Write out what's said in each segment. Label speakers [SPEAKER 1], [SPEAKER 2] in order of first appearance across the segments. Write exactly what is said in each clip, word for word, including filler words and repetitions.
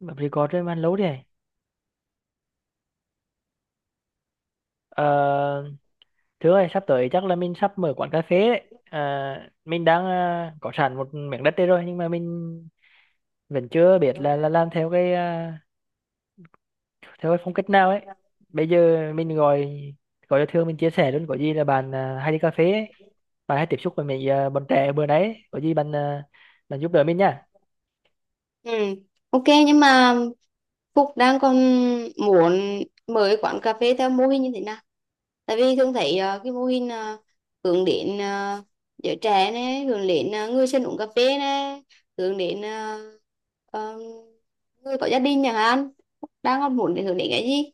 [SPEAKER 1] Bạn record trên man lố đi này. Ờ, thứ ơi, sắp tới chắc là mình sắp mở quán cà phê đấy. Ờ, mình đang ờ, có sẵn một miếng đất đây rồi nhưng mà mình vẫn chưa biết là, là làm theo cái ờ, theo cái phong cách nào ấy. Bây giờ mình gọi gọi cho Thương, mình chia sẻ luôn, có gì là bạn ờ, hay đi cà phê ấy. Bạn hay tiếp xúc với mấy ờ, bọn trẻ bữa đấy, ấy, có gì bạn ờ, bạn giúp đỡ mình nha.
[SPEAKER 2] Ừ, ok nhưng mà Phúc đang còn muốn mở cái quán cà phê theo mô hình như thế nào? Tại vì thường thấy ờ, cái mô hình ờ, hướng đến ờ, giới trẻ này, hướng đến ờ, người dân uống cà phê này, hướng đến ờ, ờ, người có gia đình chẳng hạn. Phúc đang còn muốn để hướng đến cái gì?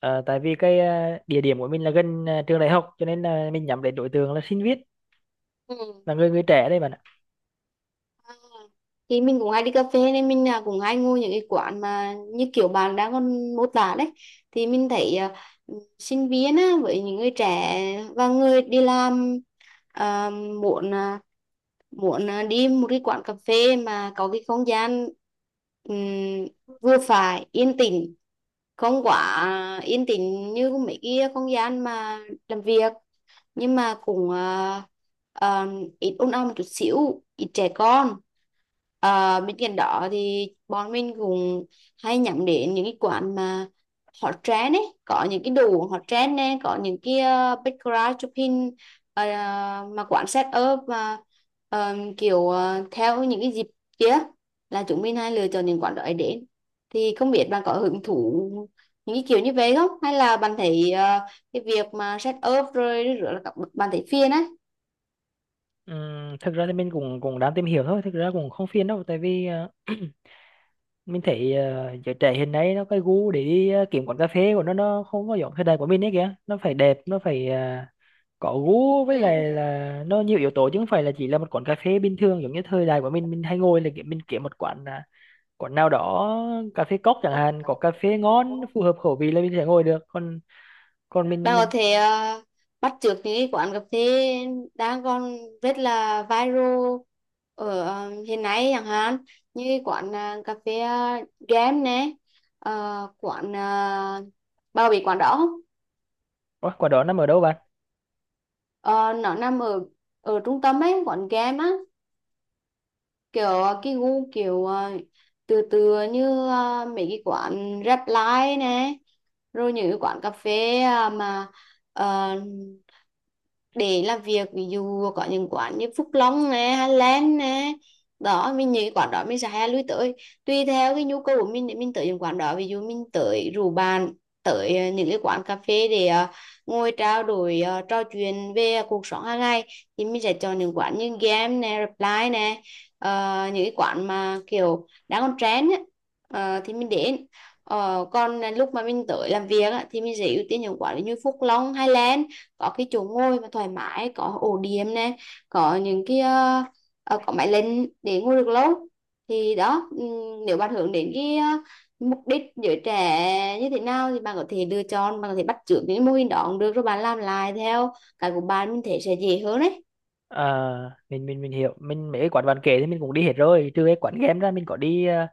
[SPEAKER 1] Ờ, tại vì cái ờ, địa điểm của mình là gần ờ, trường đại học cho nên là mình nhắm đến đối tượng là sinh viên, là người người trẻ đây bạn ạ.
[SPEAKER 2] Thì mình cũng hay đi cà phê nên mình à, cũng hay ngồi những cái quán mà như kiểu bạn đang còn mô tả đấy, thì mình thấy à, sinh viên á, với những người trẻ và người đi làm à, muốn à, muốn à, đi một cái quán cà phê mà có cái không gian ừm, vừa phải yên tĩnh, không quá à, yên tĩnh như mấy cái không gian mà làm việc, nhưng mà cũng ờ, ờ, ít ôn ong một chút xíu, ít trẻ con. Ờ, bên cạnh đó thì bọn mình cũng hay nhắm đến những cái quán mà hot trend ấy, có những cái đồ uống hot trend này, có những cái uh, background shopping, ờ, mà quán set up mà ờ, kiểu ờ, theo những cái dịp kia là chúng mình hay lựa chọn những quán đó để đến. Thì không biết bạn có hứng thú những cái kiểu như vậy không, hay là bạn thấy ờ, cái việc mà set up rồi rửa là các bậc bàn thấy phiền á?
[SPEAKER 1] Ừm, thực ra thì mình cũng cũng đang tìm hiểu thôi, thực ra cũng không phiền đâu, tại vì ờ, mình thấy ờ, giới trẻ hiện nay nó cái gu để đi ờ, kiếm quán cà phê của nó nó không có giống thời đại của mình ấy kìa, nó phải đẹp, nó phải ờ, có gu, với
[SPEAKER 2] Ừ.
[SPEAKER 1] lại là nó nhiều yếu tố chứ không phải là chỉ là một quán cà phê bình thường. Giống như thời đại của mình mình hay ngồi là kiểu mình kiếm một quán à, quán nào đó, cà phê cốc chẳng hạn, có cà phê ngon phù hợp khẩu vị là mình sẽ ngồi được. Còn còn
[SPEAKER 2] Bạn
[SPEAKER 1] mình
[SPEAKER 2] có
[SPEAKER 1] mình
[SPEAKER 2] thể ờ, bắt chước những cái quán cà phê đang còn rất là viral ở ờ, hiện nay, chẳng hạn như cái quán ờ, cà phê ờ, game nè, ờ, quán ờ, bao bị, quán đó không?
[SPEAKER 1] Ủa, quán đó nằm ở đâu bà?
[SPEAKER 2] Ờ, nó nằm ở ở trung tâm ấy, quán game á, kiểu ờ, cái gu kiểu ờ, từ từ như ờ, mấy cái quán rap live nè, rồi những cái quán cà phê ờ, mà ờ, để làm việc, ví dụ có những quán như Phúc Long nè hay Len nè. Đó mình những cái quán đó mình sẽ hay lui tới, tùy theo cái nhu cầu của mình để mình tới những quán đó. Ví dụ mình tới rủ bạn tới ờ, những cái quán cà phê để ờ, ngồi trao đổi ờ, trò chuyện về cuộc sống hàng ngày thì mình sẽ chọn những quán như game nè, reply nè. Ờ, những cái quán mà kiểu đang còn trend á, ờ, thì mình đến. Ờ, còn lúc mà mình tới làm việc á, thì mình sẽ ưu tiên những quán như Phúc Long, Highland, có cái chỗ ngồi mà thoải mái, có ổ điểm này, có những cái ờ, ờ, có máy lên để ngồi được lâu. Thì đó, ừm, nếu bạn hướng đến cái ờ, mục đích giới trẻ như thế nào thì bạn có thể lựa chọn, bạn có thể bắt chước những mô hình đó cũng được, rồi bạn làm lại theo cái của bạn, mình thấy sẽ dễ hơn đấy.
[SPEAKER 1] Ờ, mình mình mình hiểu, mình mấy cái quán bạn kể thì mình cũng đi hết rồi, trừ cái quán game ra, mình có đi ờ,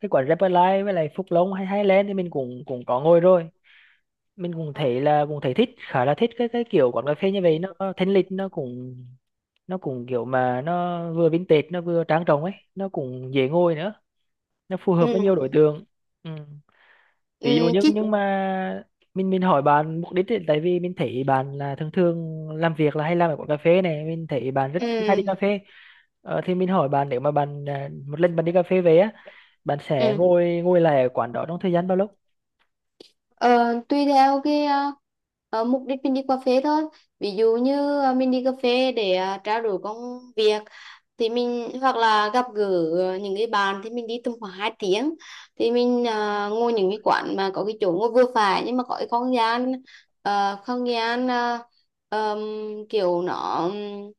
[SPEAKER 1] cái quán Repline với lại Phúc Long hay Highland thì mình cũng cũng có ngồi rồi. Mình cũng thấy là cũng thấy thích, khá là thích cái cái kiểu quán cà phê như vậy, nó thanh lịch, nó cũng nó cũng kiểu mà nó vừa vintage nó vừa trang trọng ấy, nó cũng dễ ngồi nữa, nó phù
[SPEAKER 2] Ừ,
[SPEAKER 1] hợp với nhiều
[SPEAKER 2] ừ.
[SPEAKER 1] đối tượng. Ừ, ví dụ
[SPEAKER 2] Ừ,
[SPEAKER 1] nhưng
[SPEAKER 2] chứ.
[SPEAKER 1] nhưng mà mình mình hỏi bạn mục đích ấy, tại vì mình thấy bạn là thường thường làm việc là hay làm ở quán cà phê này, mình thấy bạn rất hay đi cà
[SPEAKER 2] Ừ,
[SPEAKER 1] phê. Ờ, thì mình hỏi bạn nếu mà bạn à, một lần bạn đi cà phê về á, bạn sẽ
[SPEAKER 2] ừ.
[SPEAKER 1] ngồi ngồi lại ở quán đó trong thời gian bao lâu?
[SPEAKER 2] Ờ, tùy theo cái ờ, ờ, mục đích mình đi cà phê thôi. Ví dụ như ờ, mình đi cà phê để ờ, trao đổi công việc thì mình hoặc là gặp gỡ ờ, những cái bạn thì mình đi tầm khoảng hai tiếng, thì mình à, ngồi những cái quán mà có cái chỗ ngồi vừa phải, nhưng mà có cái không gian ờ, không gian ờ, ờm, kiểu nó ừm,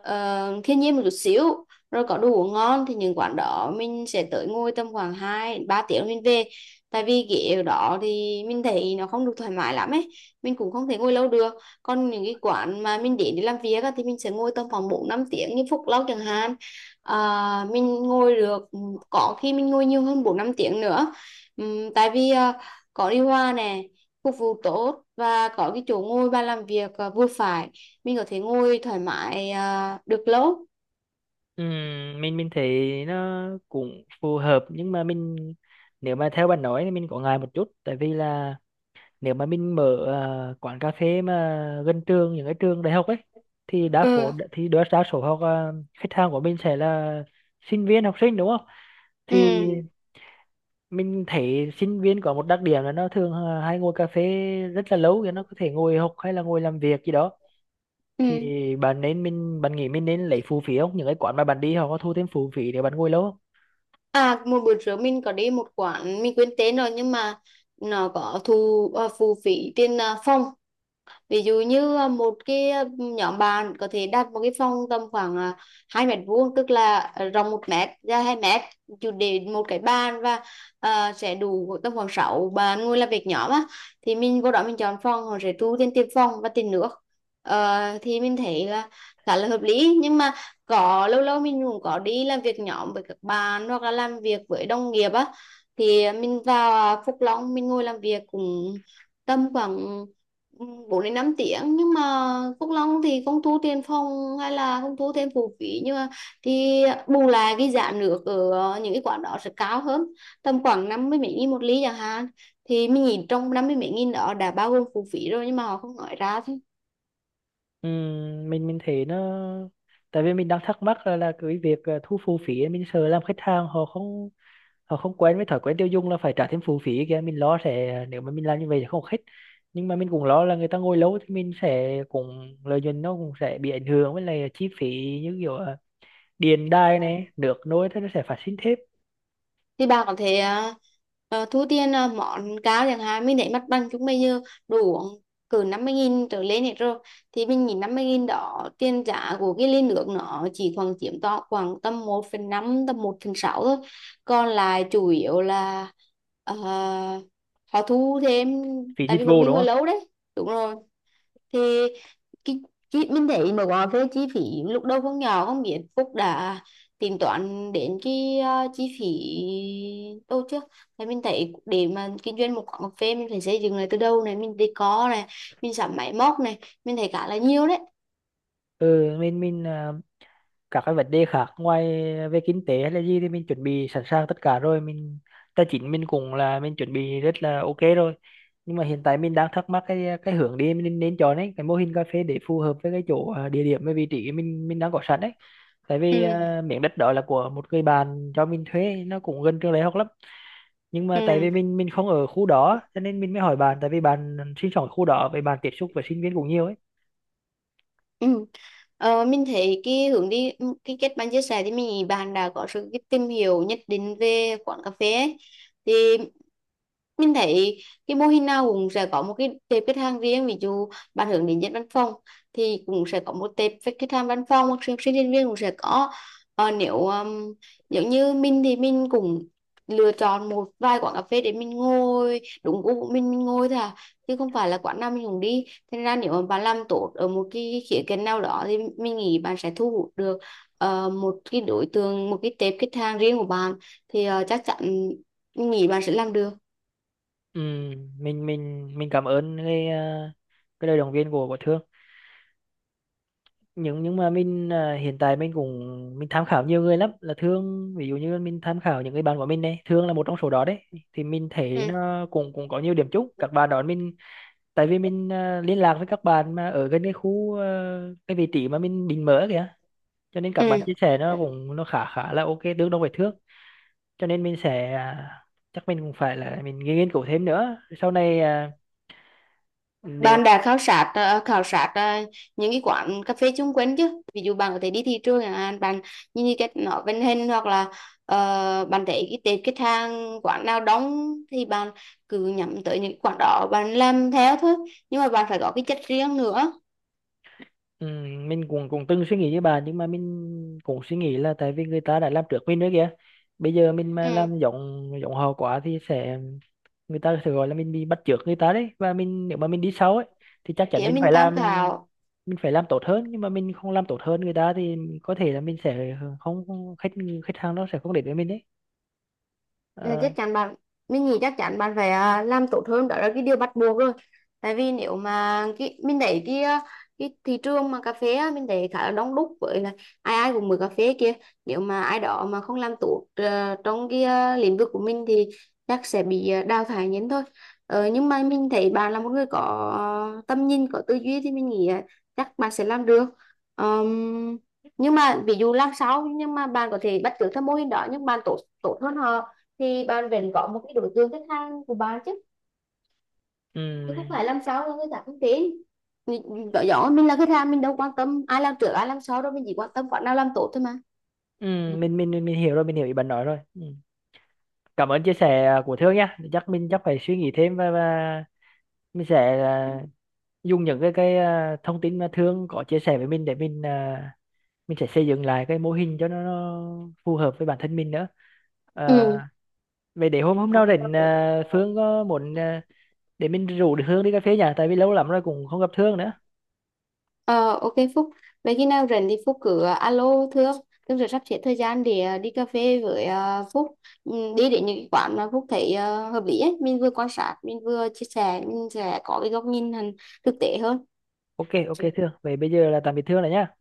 [SPEAKER 2] ờ, thiên nhiên một chút xíu, rồi có đồ uống ngon thì những quán đó mình sẽ tới ngồi tầm khoảng hai ba tiếng mình về. Tại vì ghế ở đó thì mình thấy nó không được thoải mái lắm ấy, mình cũng không thể ngồi lâu được. Còn những cái quán mà mình đến để làm việc á, thì mình sẽ ngồi tầm khoảng bốn năm tiếng như Phúc Lâu chẳng hạn. à, mình ngồi được, ừ, có khi mình ngồi nhiều hơn bốn năm tiếng nữa. Ừm, tại vì à, có điều hòa nè, phục vụ tốt, và có cái chỗ ngồi bàn làm việc à, vừa phải, mình có thể ngồi thoải mái à, được lâu.
[SPEAKER 1] Ừm, mình mình thấy nó cũng phù hợp nhưng mà mình, nếu mà theo bạn nói thì mình có ngại một chút, tại vì là nếu mà mình mở ờ, quán cà phê mà gần trường, những cái trường đại học ấy, thì đa
[SPEAKER 2] Ừ,
[SPEAKER 1] số, thì đa, đa số học ờ, khách hàng của mình sẽ là sinh viên, học sinh đúng không?
[SPEAKER 2] ừ,
[SPEAKER 1] Thì mình thấy sinh viên có một đặc điểm là nó thường ờ, hay ngồi cà phê rất là lâu, thì nó có thể ngồi học hay là ngồi làm việc gì đó. Thì
[SPEAKER 2] ừ.
[SPEAKER 1] bạn nên mình bạn nghĩ mình nên lấy phụ phí không, những cái quán mà bạn đi họ có thu thêm phụ phí để bạn ngồi lâu không?
[SPEAKER 2] À, một bữa trước mình có đi một quán mình quên tên rồi, nhưng mà nó có thu à, phụ phí tiền à, phòng. Ví dụ như à, một cái à, nhóm bạn có thể đặt một cái phòng tầm khoảng à, hai mét vuông, tức là à, rộng một mét ra hai mét, chủ để một cái bàn và à, sẽ đủ tầm khoảng sáu bạn ngồi làm việc nhóm á, thì mình vô đó mình chọn phòng họ sẽ thu tiền tiền phòng và tiền nước. Ờ, thì mình thấy là khá là hợp lý, nhưng mà có lâu lâu mình cũng có đi làm việc nhóm với các bạn hoặc là làm việc với đồng nghiệp á, thì mình vào à, Phúc Long mình ngồi làm việc cũng tầm khoảng bốn đến năm tiếng. Nhưng mà Phúc Long thì không thu tiền phòng hay là không thu thêm phụ phí, nhưng mà thì bù lại cái giá nước ở những cái quán đó sẽ cao hơn, tầm khoảng năm mươi mấy nghìn một ly chẳng hạn. Thì mình nhìn trong năm mươi mấy nghìn đó đã bao gồm phụ phí rồi, nhưng mà họ không nói ra.
[SPEAKER 1] Ừm, mình mình thấy nó, tại vì mình đang thắc mắc là, là cái việc ờ, thu phụ phí ấy, mình sợ làm khách hàng họ không, họ không quen với thói quen tiêu dùng là phải trả thêm phụ phí kia, mình lo sẽ nếu mà mình làm như vậy thì không hết. Nhưng mà mình cũng lo là người ta ngồi lâu thì mình sẽ cũng lợi nhuận nó cũng sẽ bị ảnh hưởng, với lại chi phí như kiểu à, điện đài này, nước nối thế, nó sẽ phát sinh thêm
[SPEAKER 2] Thì bà có thể ờ, ờ, thu tiền ờ, món cao chẳng hạn, mình để mặt bằng chúng bây giờ đủ uống cỡ năm mươi nghìn trở lên hết rồi. Thì mình nhìn năm mươi nghìn đó, tiền giá của cái ly nước nó chỉ khoảng chiếm to khoảng tầm một phần năm, tầm một phần sáu thôi, còn lại chủ yếu là ờ, họ thu thêm,
[SPEAKER 1] phí
[SPEAKER 2] tại
[SPEAKER 1] dịch
[SPEAKER 2] vì bọn
[SPEAKER 1] vụ
[SPEAKER 2] mình
[SPEAKER 1] đúng
[SPEAKER 2] ngồi
[SPEAKER 1] không?
[SPEAKER 2] lâu đấy. Đúng rồi, thì cái, cái mình thấy mà gọi về chi phí lúc đầu không nhỏ, không biết Phúc đã tính toán đến cái ờ, chi phí đâu chưa. Thì mình thấy để mà kinh doanh một quán cà phê mình phải xây dựng lại từ đâu này, mình decor này, mình sắm máy móc này, mình thấy cả là nhiều đấy.
[SPEAKER 1] Ừ, mình mình à, các cái vấn đề khác ngoài về kinh tế hay là gì thì mình chuẩn bị sẵn sàng tất cả rồi, mình tài chính mình cũng là mình chuẩn bị rất là ok rồi. Nhưng mà hiện tại mình đang thắc mắc cái cái hướng đi mình nên nên chọn ấy, cái mô hình cà phê để phù hợp với cái chỗ à, địa điểm và vị trí mình mình đang có sẵn đấy. Tại vì
[SPEAKER 2] Ừ,
[SPEAKER 1] à, miếng đất đó là của một người bạn cho mình thuê, nó cũng gần trường đại học lắm, nhưng mà tại
[SPEAKER 2] ừ.
[SPEAKER 1] vì mình mình không ở khu đó cho nên mình mới hỏi bạn, tại vì bạn sinh sống ở khu đó, với bạn tiếp xúc với sinh viên cũng nhiều ấy.
[SPEAKER 2] Ừ. Ờ, mình thấy cái hướng đi, ừ, cái kết bạn chia sẻ thì mình nghĩ bạn đã có sự cái tìm hiểu nhất định về quán cà phê ấy. Thì mình thấy cái mô hình nào cũng sẽ có một cái tệp khách hàng riêng. Ví dụ bạn hướng đến dân văn phòng thì cũng sẽ có một tệp khách khách hàng văn phòng, hoặc sinh sinh viên viên cũng sẽ có. ờ, nếu um, giống như mình thì mình cũng lựa chọn một vài quán cà phê để mình ngồi đúng gu của mình mình ngồi thôi à, chứ không phải là quán nào mình cũng đi. Thế ra nếu mà bạn làm tốt ở một cái khía cạnh nào đó thì mình nghĩ bạn sẽ thu hút được ờ, một cái đối tượng, một cái tệp khách hàng riêng của bạn. Thì ờ, chắc chắn mình nghĩ bạn sẽ làm được.
[SPEAKER 1] Ừ, mình mình mình cảm ơn cái à, cái lời động viên của của Thương, nhưng nhưng mà mình à, hiện tại mình cũng mình tham khảo nhiều người lắm là Thương, ví dụ như mình tham khảo những người bạn của mình đây, Thương là một trong số đó đấy. Thì mình thấy
[SPEAKER 2] Ừ.
[SPEAKER 1] nó cũng cũng có nhiều điểm chung, các bạn đó mình tại vì mình à, liên lạc với các bạn mà ở gần cái khu à, cái vị trí mà mình định mở kìa, cho nên các bạn
[SPEAKER 2] Ừ.
[SPEAKER 1] chia sẻ nó cũng nó khá khá là ok, tương đương với Thương. Cho nên mình sẽ à, chắc mình cũng phải là mình nghiên cứu thêm nữa sau này à, nếu.
[SPEAKER 2] Bạn đã khảo sát ờ, khảo sát ờ, những cái quán cà phê chung quanh chứ? Ví dụ bạn có thể đi thị trường chẳng hạn, bạn nhìn cái cách nó vận hành, hoặc là ờ, bạn thấy cái tệp khách hàng quán nào đóng thì bạn cứ nhắm tới những quán đó, bạn làm theo thôi. Nhưng mà bạn phải có cái chất riêng nữa.
[SPEAKER 1] Ừ, mình cũng cũng từng suy nghĩ với bà, nhưng mà mình cũng suy nghĩ là tại vì người ta đã làm trước mình nữa kìa, bây giờ mình mà
[SPEAKER 2] Ừ,
[SPEAKER 1] làm giống giống họ quá thì sẽ người ta sẽ gọi là mình bị bắt chước người ta đấy. Và mình nếu mà mình đi sau ấy thì chắc chắn
[SPEAKER 2] để
[SPEAKER 1] mình
[SPEAKER 2] mình
[SPEAKER 1] phải làm
[SPEAKER 2] tham khảo.
[SPEAKER 1] mình phải làm tốt hơn, nhưng mà mình không làm tốt hơn người ta thì có thể là mình sẽ không không- khách, khách hàng nó sẽ không đến với mình đấy.
[SPEAKER 2] Ừ,
[SPEAKER 1] Ờ,
[SPEAKER 2] chắc chắn bạn, mình nghĩ chắc chắn bạn phải à, làm tốt hơn, đó là cái điều bắt buộc rồi. Tại vì nếu mà cái mình thấy cái à, cái thị trường mà cà phê á, mình thấy khá là đông đúc, với là ai ai cũng mới cà phê kia. Nếu mà ai đó mà không làm tốt ờ, trong cái à, lĩnh vực của mình thì chắc sẽ bị à, đào thải nhanh thôi. Ờ, nhưng mà mình thấy bạn là một người có ờ, tầm nhìn, có tư duy, thì mình nghĩ à, chắc bạn sẽ làm được. Ờm, nhưng mà ví dụ làm sao, nhưng mà bạn có thể bắt chước theo mô hình đó nhưng bạn tốt tốt hơn họ, thì bạn vẫn có một cái đối tượng khách hàng của bạn chứ, chứ không
[SPEAKER 1] ừ,
[SPEAKER 2] phải làm sao mà người ta không tin mình. Rõ rõ, mình là khách hàng mình đâu quan tâm ai làm trước ai làm sau đâu, mình chỉ quan tâm bạn nào làm tốt thôi mà.
[SPEAKER 1] ừ,
[SPEAKER 2] Ừ.
[SPEAKER 1] mình, mình mình mình hiểu rồi, mình hiểu ý bạn nói rồi, ừ. Cảm ơn chia sẻ của Thương nha, chắc mình chắc phải suy nghĩ thêm, và và mình sẽ à, dùng những cái cái à, thông tin mà Thương có chia sẻ với mình để mình à, mình sẽ xây dựng lại cái mô hình cho nó, nó phù hợp với bản thân mình nữa. à,
[SPEAKER 2] Ừ.
[SPEAKER 1] về để hôm hôm nào rảnh à, Phương có muốn à, để mình rủ được Thương đi cà phê nhỉ, tại vì lâu lắm rồi cũng không gặp Thương nữa.
[SPEAKER 2] Ờ, ok Phúc, vậy khi nào rảnh thì Phúc cứ ờ, alo Thương. Thương sẽ sắp xếp thời gian để ờ, đi cà phê với ờ, Phúc. Ừ, đi đến những cái quán mà Phúc thấy ờ, hợp lý ấy, mình vừa quan sát mình vừa chia sẻ, mình sẽ có cái góc nhìn hẳn thực tế hơn.
[SPEAKER 1] Ok ok Thương, vậy bây giờ là tạm biệt Thương rồi nhá.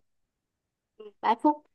[SPEAKER 2] Bye Phúc.